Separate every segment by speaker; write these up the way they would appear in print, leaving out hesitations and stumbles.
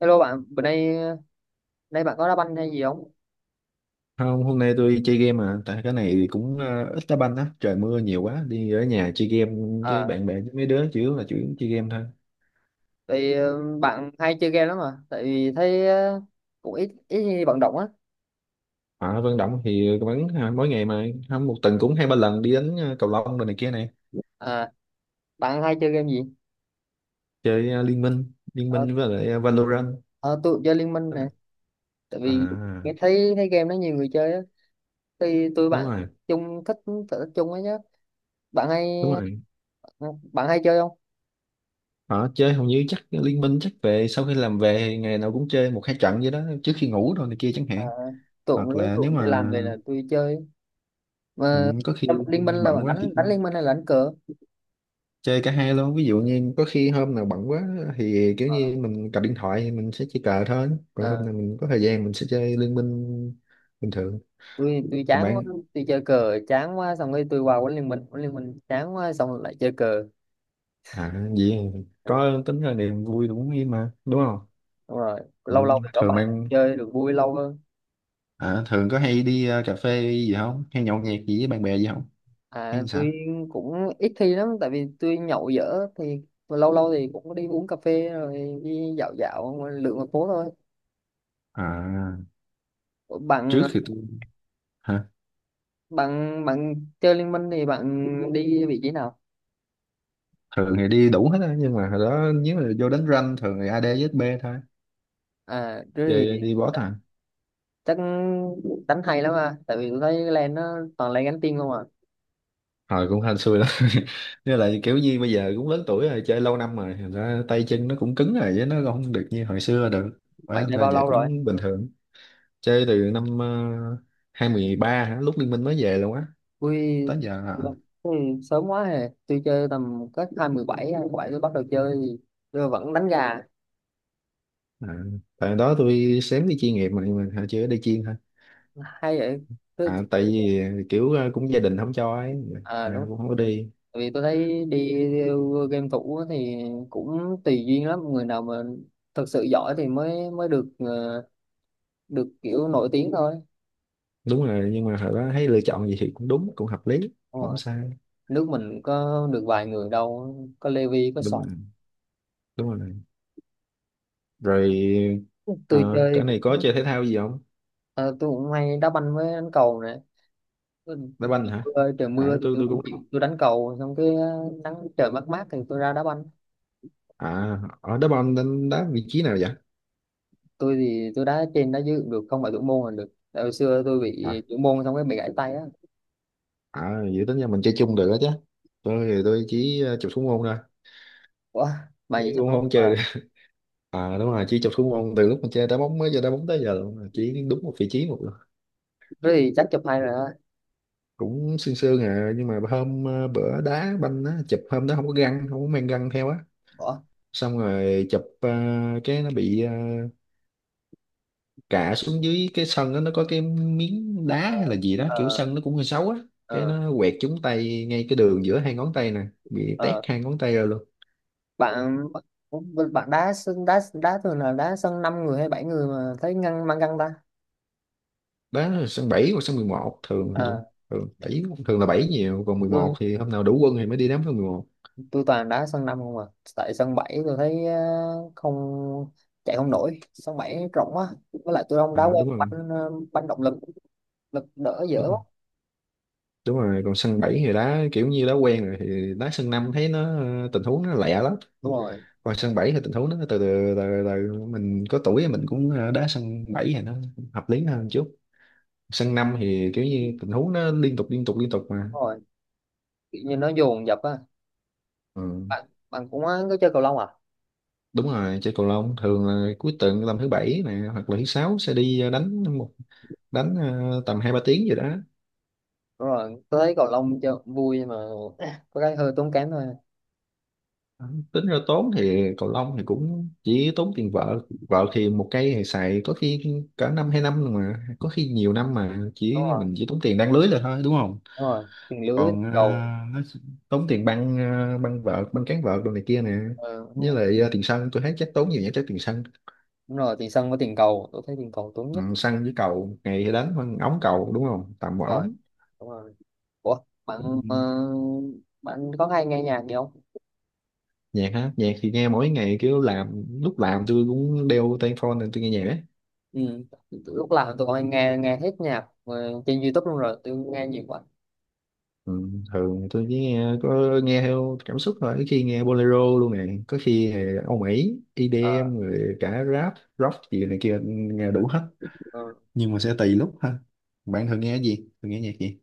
Speaker 1: Hello bạn, bữa nay nay bạn có đá banh hay gì không?
Speaker 2: Không, hôm nay tôi chơi game mà tại cái này thì cũng ít đá banh á, trời mưa nhiều quá, đi ở nhà chơi game với
Speaker 1: À,
Speaker 2: bạn bè với mấy đứa chủ yếu chơi game thôi.
Speaker 1: thì bạn hay chơi game lắm mà, tại vì thấy cũng ít ít khi vận động á.
Speaker 2: Ở Vân Động thì vẫn mỗi ngày mà không một tuần cũng hai ba lần đi đánh cầu lông rồi này kia này,
Speaker 1: À, bạn hay chơi game gì?
Speaker 2: chơi Liên Minh, Liên
Speaker 1: Ờ,
Speaker 2: Minh với lại Valorant.
Speaker 1: ờ, tôi cũng chơi Liên Minh
Speaker 2: Tức
Speaker 1: nè,
Speaker 2: là-
Speaker 1: tại
Speaker 2: À,
Speaker 1: vì nghe thấy thấy game đó nhiều người chơi á, thì tôi
Speaker 2: đúng
Speaker 1: bạn
Speaker 2: rồi,
Speaker 1: chung thích sở thích chung ấy nhá. Bạn hay
Speaker 2: đúng rồi.
Speaker 1: ờ, bạn hay chơi không?
Speaker 2: Họ chơi hầu như chắc Liên Minh chắc về sau khi làm về thì ngày nào cũng chơi một hai trận vậy đó trước khi ngủ rồi này kia chẳng
Speaker 1: À,
Speaker 2: hạn.
Speaker 1: tôi cũng
Speaker 2: Hoặc
Speaker 1: rất
Speaker 2: là
Speaker 1: tôi
Speaker 2: nếu
Speaker 1: cũng đi làm
Speaker 2: mà
Speaker 1: về là tôi chơi.
Speaker 2: ừ,
Speaker 1: Mà
Speaker 2: có
Speaker 1: trong
Speaker 2: khi
Speaker 1: Liên Minh là
Speaker 2: bận
Speaker 1: bạn
Speaker 2: quá thì
Speaker 1: đánh đánh Liên Minh hay là đánh cờ?
Speaker 2: chơi cả hai luôn, ví dụ như có khi hôm nào bận quá thì kiểu
Speaker 1: Ờ,
Speaker 2: như mình cầm điện thoại thì mình sẽ chơi cờ thôi, còn hôm
Speaker 1: ờ.
Speaker 2: nào mình có thời gian mình sẽ chơi liên minh bình thường.
Speaker 1: Tôi
Speaker 2: Còn
Speaker 1: chán quá,
Speaker 2: bạn?
Speaker 1: tôi chơi cờ chán quá xong rồi tôi qua huấn Liên Minh, huấn Liên Minh chán quá xong rồi lại chơi cờ.
Speaker 2: À gì,
Speaker 1: Ừ,
Speaker 2: có tính là niềm vui đúng, như mà đúng không.
Speaker 1: đúng rồi,
Speaker 2: Ừ.
Speaker 1: lâu lâu thì có
Speaker 2: Thường
Speaker 1: bạn
Speaker 2: bạn,
Speaker 1: chơi được vui lâu hơn.
Speaker 2: à, thường có hay đi cà phê gì không hay nhậu nhẹt gì với bạn bè gì không
Speaker 1: À,
Speaker 2: hay sao?
Speaker 1: tôi cũng ít khi lắm tại vì tôi nhậu dở thì lâu lâu thì cũng có đi uống cà phê rồi đi dạo dạo lượn một phố thôi.
Speaker 2: À,
Speaker 1: Ủa,
Speaker 2: trước
Speaker 1: bạn
Speaker 2: thì tôi, hả,
Speaker 1: bạn bạn chơi Liên Minh thì bạn đi vị trí nào?
Speaker 2: thường thì đi đủ hết á, nhưng mà hồi đó nếu mà vô đánh ranh thường thì AD với B thôi,
Speaker 1: À thế
Speaker 2: chơi
Speaker 1: thì
Speaker 2: đi boss à.
Speaker 1: chắc đánh hay lắm à, tại vì tôi thấy lan nó toàn lane gánh team không à.
Speaker 2: Hồi cũng hên xui lắm nên là kiểu như bây giờ cũng lớn tuổi rồi, chơi lâu năm rồi thành ra tay chân nó cũng cứng rồi chứ nó không được như hồi xưa được, quá
Speaker 1: Bạn
Speaker 2: thành
Speaker 1: chơi
Speaker 2: ra
Speaker 1: bao
Speaker 2: giờ
Speaker 1: lâu rồi?
Speaker 2: cũng bình thường. Chơi từ năm 2013 hả, lúc Liên Minh mới về luôn á tới
Speaker 1: Ui,
Speaker 2: giờ à.
Speaker 1: ừ, sớm quá hè. Tôi chơi tầm cách 217, 27 tôi bắt đầu chơi thì tôi vẫn đánh gà.
Speaker 2: À, tại đó tôi xém đi chuyên nghiệp mà, nhưng mà hồi chưa đi chuyên thôi,
Speaker 1: Hay vậy. Tôi,
Speaker 2: à,
Speaker 1: tôi
Speaker 2: tại
Speaker 1: thấy-
Speaker 2: vì kiểu cũng gia đình không cho ấy,
Speaker 1: à
Speaker 2: à,
Speaker 1: đúng.
Speaker 2: cũng không có đi.
Speaker 1: Tại vì tôi thấy đi game thủ á thì cũng tùy duyên lắm. Người nào mà thật sự giỏi thì mới mới được kiểu nổi tiếng thôi.
Speaker 2: Đúng rồi, nhưng mà hồi đó thấy lựa chọn gì thì cũng đúng, cũng hợp lý
Speaker 1: Đúng
Speaker 2: không
Speaker 1: rồi.
Speaker 2: sai.
Speaker 1: Nước mình có được vài người đâu. Có Levi, có
Speaker 2: Đúng
Speaker 1: Sọt.
Speaker 2: rồi, đúng rồi, rồi
Speaker 1: Tôi chơi
Speaker 2: cái này
Speaker 1: cũng
Speaker 2: có chơi thể thao gì không?
Speaker 1: ờ, tôi cũng hay đá banh với đánh cầu nè. Mưa,
Speaker 2: Đá banh hả?
Speaker 1: trời trời mưa
Speaker 2: À,
Speaker 1: thì
Speaker 2: tôi
Speaker 1: tôi
Speaker 2: tôi
Speaker 1: không
Speaker 2: cũng
Speaker 1: chịu, tôi đánh cầu xong cái nắng trời mát mát thì tôi ra đá banh.
Speaker 2: à, ở đá banh đánh đá vị trí nào vậy?
Speaker 1: Tôi thì tôi đá trên đá dưới cũng được, không phải thủ môn là được, tại hồi xưa tôi
Speaker 2: À,
Speaker 1: bị thủ môn xong cái bị gãy tay á.
Speaker 2: à vậy tính ra mình chơi chung được đó chứ, tôi chỉ chụp xuống môn thôi
Speaker 1: Ủa,
Speaker 2: chứ
Speaker 1: mày nghĩ chắc
Speaker 2: cũng
Speaker 1: đúng
Speaker 2: không
Speaker 1: mà.
Speaker 2: chơi được. À đúng rồi, chỉ chụp xuống môn từ lúc mình chơi đá bóng mới giờ đá bóng tới giờ luôn, chỉ đúng một vị trí một lần.
Speaker 1: Thế thì chắc chụp hay rồi á.
Speaker 2: Cũng sương sương à, nhưng mà hôm bữa đá banh á chụp hôm đó không có găng, không có mang găng theo á,
Speaker 1: Ủa,
Speaker 2: xong rồi chụp cái nó bị cả xuống dưới cái sân đó, nó có cái miếng đá
Speaker 1: ờ,
Speaker 2: hay là gì đó, kiểu
Speaker 1: ờ,
Speaker 2: sân nó cũng hơi xấu á, cái
Speaker 1: ờ,
Speaker 2: nó quẹt trúng tay ngay cái đường giữa hai ngón tay nè, bị tét
Speaker 1: ờ.
Speaker 2: hai ngón tay ra luôn.
Speaker 1: bạn bạn đá sân đá đá thường là đá sân 5 người hay 7 người mà thấy ngăn mang găng ta?
Speaker 2: Đó là sân 7 hoặc sân mười một, thường là vậy.
Speaker 1: Ờ,
Speaker 2: Thường bảy, thường là 7 nhiều, còn 11
Speaker 1: tôi
Speaker 2: thì hôm nào đủ quân thì mới đi đá sân 11.
Speaker 1: tôi toàn đá sân năm không à. Tại sân bảy tôi thấy không chạy không nổi, sân bảy rộng quá, với lại tôi không đá
Speaker 2: À,
Speaker 1: quen
Speaker 2: đúng rồi,
Speaker 1: banh banh động lực, lực đỡ dở
Speaker 2: đúng rồi,
Speaker 1: quá.
Speaker 2: đúng rồi. Còn sân 7 thì đá kiểu như đá quen rồi thì đá sân 5 thấy nó tình huống nó lẹ lắm,
Speaker 1: Đúng rồi.
Speaker 2: còn sân 7 thì tình huống nó từ từ, mình có tuổi thì mình cũng đá sân 7 thì nó hợp lý hơn chút. Sân năm thì kiểu như tình huống nó liên tục liên tục liên tục mà.
Speaker 1: Đúng rồi, kiểu như nó dồn dập á.
Speaker 2: Ừ.
Speaker 1: Bạn bạn cũng có chơi cầu lông à?
Speaker 2: Đúng rồi, chơi cầu lông thường là cuối tuần tầm thứ bảy nè, hoặc là thứ sáu sẽ đi đánh tầm hai ba tiếng gì đó.
Speaker 1: Đúng rồi, tôi thấy cầu lông chơi cũng vui nhưng mà có cái hơi tốn kém thôi.
Speaker 2: Ừ, tính ra tốn thì cầu lông thì cũng chỉ tốn tiền vợ vợ thì một cây thì xài có khi cả năm hai năm rồi, mà có khi nhiều năm mà
Speaker 1: Đúng
Speaker 2: chỉ
Speaker 1: rồi,
Speaker 2: mình chỉ tốn tiền đan lưới là thôi, đúng không?
Speaker 1: đúng rồi, tiền lưới với tiền
Speaker 2: Còn
Speaker 1: cầu.
Speaker 2: nó tốn tiền băng băng vợt băng cán vợt đồ này kia nè,
Speaker 1: Ờ, đúng
Speaker 2: với
Speaker 1: rồi.
Speaker 2: lại tiền sân, tôi thấy chắc tốn nhiều nhất chắc tiền sân.
Speaker 1: Đúng rồi, tiền sân với tiền cầu, tôi thấy tiền cầu tốn
Speaker 2: Ừ,
Speaker 1: nhất.
Speaker 2: săn với cầu ngày đánh con ống cầu đúng không, tầm một
Speaker 1: Đúng rồi,
Speaker 2: ống.
Speaker 1: đúng rồi. Ủa, bạn
Speaker 2: Ừ.
Speaker 1: ờ, bạn có hay nghe nhạc gì không?
Speaker 2: Nhạc hả? Nhạc thì nghe mỗi ngày, kiểu làm lúc làm tôi cũng đeo tai phone nên tôi nghe nhạc ấy.
Speaker 1: Ừ. Lúc làm tụi con nghe nghe hết nhạc trên YouTube luôn rồi, tôi nghe nhiều quá.
Speaker 2: Ừ, thường tôi chỉ nghe có nghe theo cảm xúc thôi, có khi nghe bolero luôn nè, có khi thì Âu Mỹ
Speaker 1: À,
Speaker 2: EDM rồi cả rap rock gì này kia, nghe đủ hết,
Speaker 1: ừ.
Speaker 2: nhưng mà sẽ tùy lúc ha. Bạn thường nghe cái gì, thường nghe nhạc gì?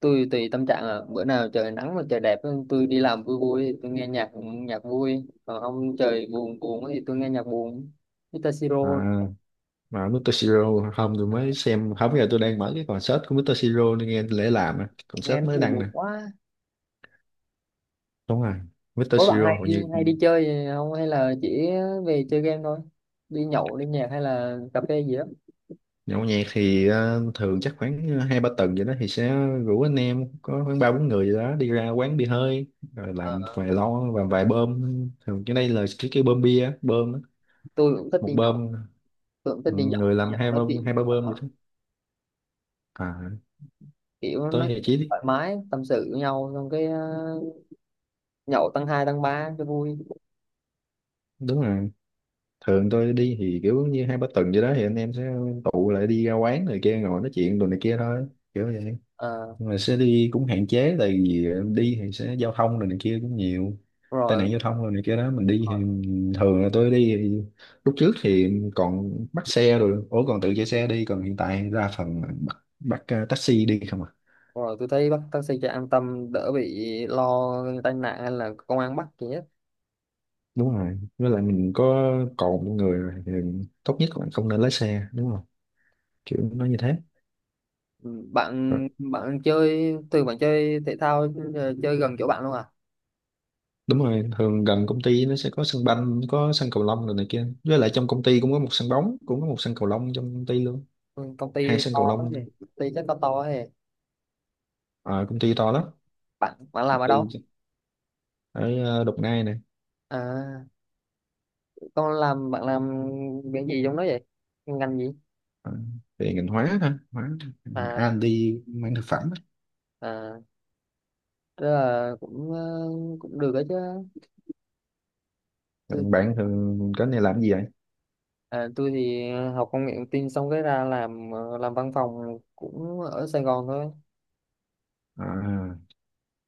Speaker 1: Tôi tùy tâm trạng là bữa nào trời nắng mà trời đẹp, tôi đi làm vui vui thì tôi nghe nhạc nhạc vui, còn không trời buồn buồn thì tôi nghe nhạc buồn, Mr.
Speaker 2: À
Speaker 1: Siro.
Speaker 2: mà Mr. Siro không, tôi
Speaker 1: Ờ,
Speaker 2: mới xem không, giờ tôi đang mở cái concert của Mr. Siro nên nghe lễ làm à,
Speaker 1: nghe
Speaker 2: concert
Speaker 1: nó
Speaker 2: mới
Speaker 1: thì
Speaker 2: đăng nè.
Speaker 1: buồn quá.
Speaker 2: Đúng rồi, Mr.
Speaker 1: Có bạn
Speaker 2: Siro
Speaker 1: hay
Speaker 2: hầu
Speaker 1: đi
Speaker 2: như,
Speaker 1: hay đi chơi gì không hay là chỉ về chơi game thôi, đi nhậu đi nhạc hay là cà phê gì đó?
Speaker 2: nhậu nhẹt thì thường chắc khoảng hai ba tuần vậy đó thì sẽ rủ anh em có khoảng ba bốn người gì đó đi ra quán bia hơi, rồi làm
Speaker 1: Ờ,
Speaker 2: vài lon và vài bơm. Thường cái đây là cái bơm bia á, bơm á.
Speaker 1: tôi cũng thích
Speaker 2: Một
Speaker 1: đi nhậu
Speaker 2: bơm,
Speaker 1: tôi cũng thích
Speaker 2: ừ,
Speaker 1: đi nhậu,
Speaker 2: người làm
Speaker 1: nhậu
Speaker 2: hai
Speaker 1: nói
Speaker 2: bơm,
Speaker 1: chuyện,
Speaker 2: hai ba bơm vậy đó. À,
Speaker 1: kiểu
Speaker 2: tới
Speaker 1: nói
Speaker 2: thì
Speaker 1: chuyện
Speaker 2: chỉ
Speaker 1: thoải mái tâm sự với nhau xong cái nhậu tăng hai tăng ba cho vui.
Speaker 2: đúng rồi, thường tôi đi thì kiểu như hai ba tuần vậy đó thì anh em sẽ tụ lại đi ra quán này kia ngồi nói chuyện đồ này kia thôi, kiểu vậy.
Speaker 1: Ờ,
Speaker 2: Nhưng mà sẽ đi cũng hạn chế, tại vì đi thì sẽ giao thông rồi này kia cũng nhiều tai
Speaker 1: rồi
Speaker 2: nạn giao thông rồi này kia đó, mình đi thì thường là tôi đi thì lúc trước thì còn bắt xe rồi ủa còn tự chạy xe đi, còn hiện tại đa phần là bắt taxi đi không à.
Speaker 1: rồi, tôi thấy bắt taxi cho an tâm, đỡ bị lo tai nạn hay là công an bắt gì hết.
Speaker 2: Đúng rồi, với lại mình có cồn trong người rồi thì tốt nhất là không nên lái xe, đúng không, kiểu nó như thế.
Speaker 1: Ừ,
Speaker 2: Rồi,
Speaker 1: bạn bạn chơi thường bạn chơi thể thao chơi gần chỗ bạn luôn à?
Speaker 2: đúng rồi, thường gần công ty nó sẽ có sân banh có sân cầu lông rồi này kia, với lại trong công ty cũng có một sân bóng cũng có một sân cầu lông trong công ty luôn,
Speaker 1: Ừ, công ty
Speaker 2: hai sân cầu
Speaker 1: to thế
Speaker 2: lông.
Speaker 1: thì công ty chắc to to thế,
Speaker 2: Ờ, công ty to lắm,
Speaker 1: bạn bạn làm
Speaker 2: công
Speaker 1: ở đâu?
Speaker 2: ty ở Đồng Nai này.
Speaker 1: À, con làm bạn làm cái gì trong đó vậy, ngành gì?
Speaker 2: Ờ, về ngành hóa thôi, hóa
Speaker 1: À,
Speaker 2: R&D mảng thực phẩm á.
Speaker 1: à, tức là cũng được đấy chứ.
Speaker 2: Còn bạn thường cái này làm cái gì vậy?
Speaker 1: À, tôi thì học công nghệ thông tin xong cái ra làm văn phòng cũng ở Sài Gòn thôi.
Speaker 2: À,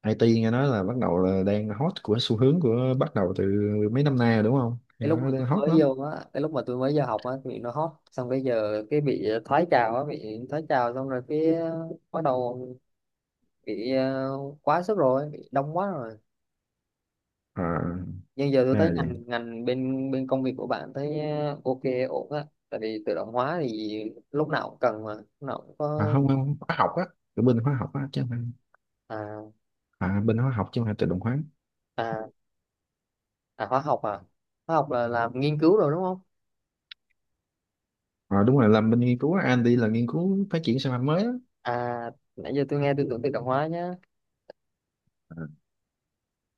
Speaker 2: IT nghe nói là bắt đầu là đang hot của xu hướng của, bắt đầu từ mấy năm nay rồi đúng không, nghe
Speaker 1: Cái lúc
Speaker 2: nói
Speaker 1: mà
Speaker 2: đang
Speaker 1: tôi
Speaker 2: hot
Speaker 1: mới
Speaker 2: lắm.
Speaker 1: vô á, cái lúc mà tôi mới vô học á thì nó hot, xong bây giờ cái bị thoái trào á, bị thoái trào xong rồi cái bắt đầu bị quá sức rồi, bị đông quá rồi.
Speaker 2: À,
Speaker 1: Nhưng giờ tôi
Speaker 2: ra
Speaker 1: thấy
Speaker 2: là vậy.
Speaker 1: ngành ngành bên bên công việc của bạn thấy ok ổn á, tại vì tự động hóa thì lúc nào cũng cần mà, lúc nào cũng
Speaker 2: À,
Speaker 1: có.
Speaker 2: không không, hóa học á, ở bên hóa học á chứ không phải,
Speaker 1: À,
Speaker 2: à, bên hóa học chứ không phải tự động hóa.
Speaker 1: à, à, hóa học à? Hóa học là làm nghiên cứu rồi đúng không?
Speaker 2: À, đúng rồi, làm bên nghiên cứu R&D là nghiên cứu phát triển sản phẩm mới á.
Speaker 1: À, nãy giờ tôi nghe tôi tưởng tự động hóa nhá.
Speaker 2: Ờ,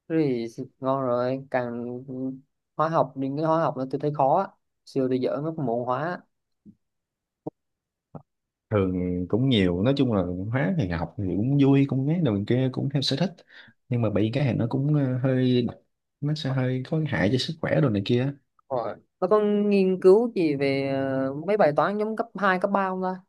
Speaker 1: Thế thì ngon rồi, càng hóa học, những cái hóa học nữa tôi thấy khó á. Xưa tôi dở mấy cái môn hóa.
Speaker 2: thường cũng nhiều, nói chung là hóa thì học thì cũng vui cũng ấy đồ kia cũng theo sở thích, nhưng mà bị cái này nó cũng hơi độc, nó sẽ hơi có hại cho sức khỏe đồ này kia.
Speaker 1: Rồi. Nó có nghiên cứu gì về mấy bài toán giống cấp 2 cấp 3 không ta?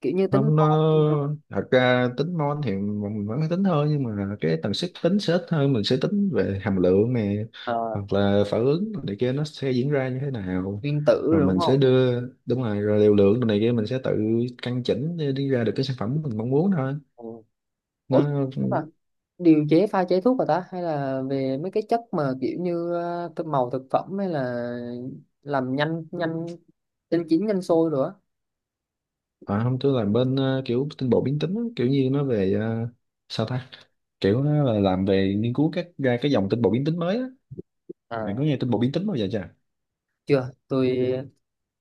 Speaker 1: Kiểu như tính
Speaker 2: Không, nó
Speaker 1: mol rồi.
Speaker 2: thật ra tính môn thì mình vẫn phải tính thôi, nhưng mà cái tần suất tính sẽ ít hơn, mình sẽ tính về hàm lượng này,
Speaker 1: Ờ,
Speaker 2: hoặc là phản ứng này kia nó sẽ diễn ra như thế nào,
Speaker 1: nguyên tử
Speaker 2: rồi
Speaker 1: rồi đúng
Speaker 2: mình sẽ
Speaker 1: không?
Speaker 2: đưa đúng rồi, rồi liều lượng này kia mình sẽ tự căn chỉnh để đi ra được cái sản phẩm mình mong muốn thôi.
Speaker 1: Ừ. Ủa,
Speaker 2: Nó
Speaker 1: à, điều chế pha chế thuốc rồi ta? Hay là về mấy cái chất mà kiểu như cái màu thực phẩm hay là làm nhanh nhanh nhanh chín nhanh sôi rồi á?
Speaker 2: À, không, tôi làm bên kiểu tinh bột biến tính á, kiểu như nó về sao ta, kiểu nó là làm về nghiên cứu các ra cái dòng tinh bột biến tính mới á. Bạn
Speaker 1: À,
Speaker 2: có nghe tinh bột biến tính bao giờ chưa?
Speaker 1: chưa, tôi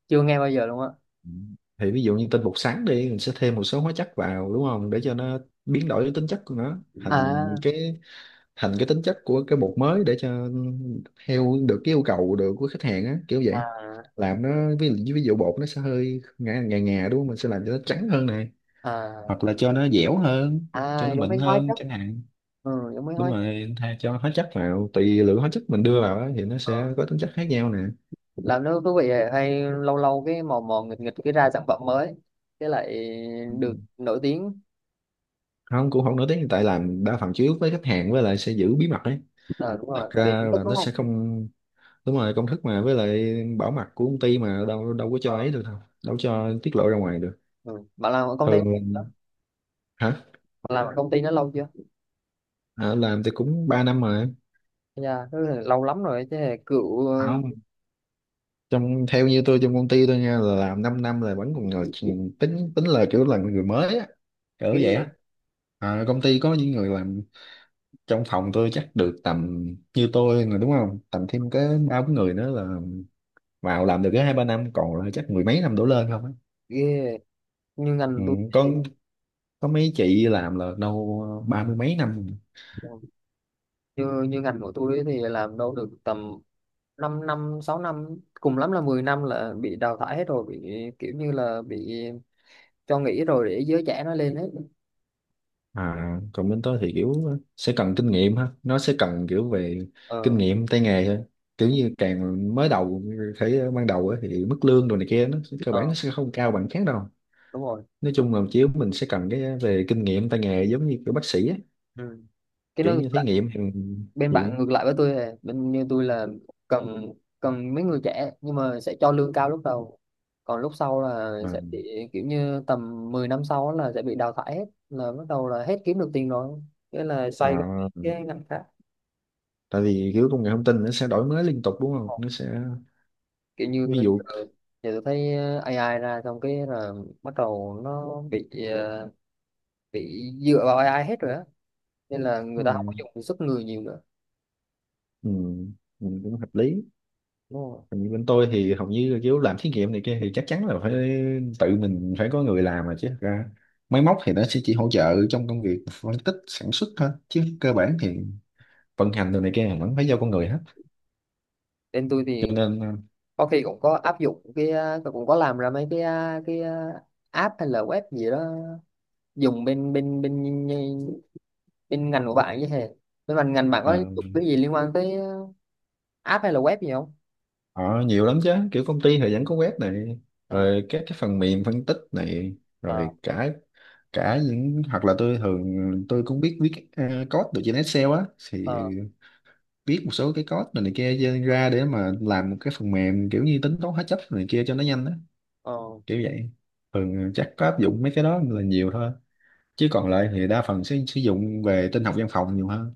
Speaker 1: chưa nghe bao giờ luôn á.
Speaker 2: Ừ. Thì ví dụ như tinh bột sắn đi, mình sẽ thêm một số hóa chất vào đúng không, để cho nó biến đổi cái tính chất của nó thành
Speaker 1: À,
Speaker 2: cái, thành cái tính chất của cái bột mới để cho theo được cái yêu cầu được của khách hàng á, kiểu
Speaker 1: à,
Speaker 2: vậy.
Speaker 1: à,
Speaker 2: Làm nó ví dụ bột nó sẽ hơi ngà ngà ngà đúng không, mình sẽ làm cho nó trắng hơn này,
Speaker 1: à,
Speaker 2: hoặc là cho nó dẻo hơn, cho
Speaker 1: à
Speaker 2: nó
Speaker 1: giống
Speaker 2: mịn
Speaker 1: mấy hóa
Speaker 2: hơn
Speaker 1: chất.
Speaker 2: chẳng hạn.
Speaker 1: Ừ, giống mấy
Speaker 2: Đúng
Speaker 1: hóa chất.
Speaker 2: rồi, thay cho hóa chất vào tùy lượng hóa chất mình đưa vào á, thì nó
Speaker 1: Ừ.
Speaker 2: sẽ có tính chất khác nhau nè.
Speaker 1: Làm nước thú vị à, hay lâu lâu cái mò mò nghịch nghịch cái ra sản phẩm mới cái lại
Speaker 2: Ừ.
Speaker 1: được nổi tiếng.
Speaker 2: Không, cũng không nổi tiếng, tại làm đa phần chủ yếu với khách hàng, với lại sẽ giữ bí mật ấy,
Speaker 1: Ờ đúng
Speaker 2: thật
Speaker 1: rồi, vì
Speaker 2: ra
Speaker 1: cũng tức
Speaker 2: là
Speaker 1: đúng
Speaker 2: nó sẽ
Speaker 1: không?
Speaker 2: không, đúng rồi, công thức mà với lại bảo mật của công ty mà đâu đâu có cho
Speaker 1: Ờ,
Speaker 2: ấy được đâu, đâu cho tiết lộ ra ngoài được.
Speaker 1: ừ. Bạn làm ở công ty đó.
Speaker 2: Thường hả?
Speaker 1: Bạn làm ở công ty nó lâu chưa?
Speaker 2: À, làm thì cũng 3 năm rồi.
Speaker 1: Dạ thế là lâu lắm rồi chứ, là cựu
Speaker 2: Không, trong theo như tôi trong công ty tôi nha là làm 5 năm là vẫn còn ngồi tính, tính là kiểu là người mới á, kiểu
Speaker 1: ghê
Speaker 2: vậy
Speaker 1: vậy,
Speaker 2: á. À, công ty có những người làm trong phòng tôi chắc được tầm như tôi là đúng không, tầm thêm cái ba bốn người nữa là vào làm được cái hai ba năm, còn là chắc mười mấy năm đổ lên không á.
Speaker 1: ghê như
Speaker 2: Ừ,
Speaker 1: ngành tôi
Speaker 2: có
Speaker 1: thì-
Speaker 2: có mấy chị làm là đâu ba mươi mấy năm.
Speaker 1: như như ngành của tôi ấy thì làm đâu được tầm 5 năm 6 năm, cùng lắm là 10 năm là bị đào thải hết rồi, bị kiểu như là bị cho nghỉ rồi để giới trẻ nó lên hết.
Speaker 2: À còn bên tôi thì kiểu sẽ cần kinh nghiệm ha, nó sẽ cần kiểu về kinh
Speaker 1: Ờ,
Speaker 2: nghiệm tay nghề thôi, kiểu như càng mới đầu thấy ban đầu á thì mức lương đồ này kia nó sẽ- cơ bản
Speaker 1: ờ,
Speaker 2: nó sẽ không cao bằng khác đâu.
Speaker 1: đúng rồi,
Speaker 2: Nói chung là chiếu mình sẽ cần cái về kinh nghiệm tay nghề giống như kiểu bác sĩ á,
Speaker 1: ừ. Cái
Speaker 2: kiểu
Speaker 1: nó ngược
Speaker 2: như thí
Speaker 1: lại,
Speaker 2: nghiệm thì
Speaker 1: bên
Speaker 2: thì-
Speaker 1: bạn ngược lại với tôi này, bên như tôi là cần cần mấy người trẻ nhưng mà sẽ cho lương cao lúc đầu. Còn lúc sau là
Speaker 2: ờ,
Speaker 1: sẽ bị kiểu như tầm 10 năm sau là sẽ bị đào thải hết, là bắt đầu là hết kiếm được tiền rồi. Thế là xoay
Speaker 2: À,
Speaker 1: cái ngành khác,
Speaker 2: tại vì kiểu công nghệ thông tin nó sẽ đổi mới liên tục đúng không? Nó sẽ
Speaker 1: kiểu như
Speaker 2: ví
Speaker 1: giờ,
Speaker 2: dụ
Speaker 1: giờ tôi thấy AI ra xong cái là bắt đầu nó bị dựa vào AI hết rồi á. Nên là người
Speaker 2: đúng
Speaker 1: ta không có
Speaker 2: rồi.
Speaker 1: dùng sức người nhiều nữa,
Speaker 2: Ừ, mình cũng hợp lý.
Speaker 1: đúng không?
Speaker 2: Còn như bên tôi thì hầu như là kiểu làm thí nghiệm này kia thì chắc chắn là phải tự mình phải có người làm mà, chứ thật ra máy móc thì nó sẽ chỉ hỗ trợ trong công việc phân tích sản xuất thôi, chứ cơ bản thì vận hành đồ này kia là vẫn phải do con người hết.
Speaker 1: Bên tôi
Speaker 2: Cho
Speaker 1: thì
Speaker 2: nên
Speaker 1: có khi cũng có áp dụng cũng có làm ra mấy app hay là web gì đó, dùng bên bên bên bên ngành của bạn chứ hề, bên ngành ngành bạn có
Speaker 2: ờ,
Speaker 1: dùng cái gì liên quan tới app hay là web gì không?
Speaker 2: Ờ, nhiều lắm chứ, kiểu công ty thì vẫn có web này,
Speaker 1: Ờ,
Speaker 2: rồi các cái phần mềm phân tích này,
Speaker 1: ờ,
Speaker 2: rồi cả cả những, hoặc là tôi thường tôi cũng biết viết code được trên Excel á, thì
Speaker 1: ờ,
Speaker 2: viết một số cái code này, này kia trên ra để mà làm một cái phần mềm kiểu như tính toán hóa chất này kia cho nó nhanh á,
Speaker 1: ờ,
Speaker 2: kiểu vậy. Thường chắc có áp dụng mấy cái đó là nhiều thôi, chứ còn lại thì đa phần sẽ sử dụng về tin học văn phòng nhiều hơn,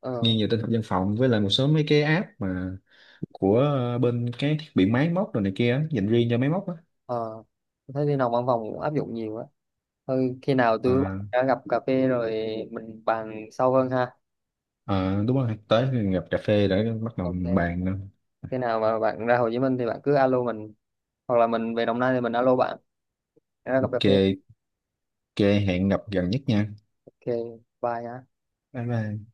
Speaker 1: ờ,
Speaker 2: nghiêng về tin học văn phòng, với lại một số mấy cái app mà của bên cái thiết bị máy móc rồi này kia á, dành riêng cho máy móc á.
Speaker 1: ờ. Tôi thấy đi nào văn phòng cũng áp dụng nhiều á. Thôi khi nào tôi
Speaker 2: À,
Speaker 1: đã gặp cà phê rồi mình bàn sâu hơn ha.
Speaker 2: à, đúng rồi, tới gặp cà phê để bắt đầu
Speaker 1: Ok.
Speaker 2: bàn.
Speaker 1: Khi nào mà bạn ra Hồ Chí Minh thì bạn cứ alo mình. Hoặc là mình về Đồng Nai thì mình alo bạn. Ra gặp cà
Speaker 2: Ok,
Speaker 1: phê.
Speaker 2: ok, hẹn gặp gần nhất nha.
Speaker 1: Ok. Bye ha.
Speaker 2: Bye bye.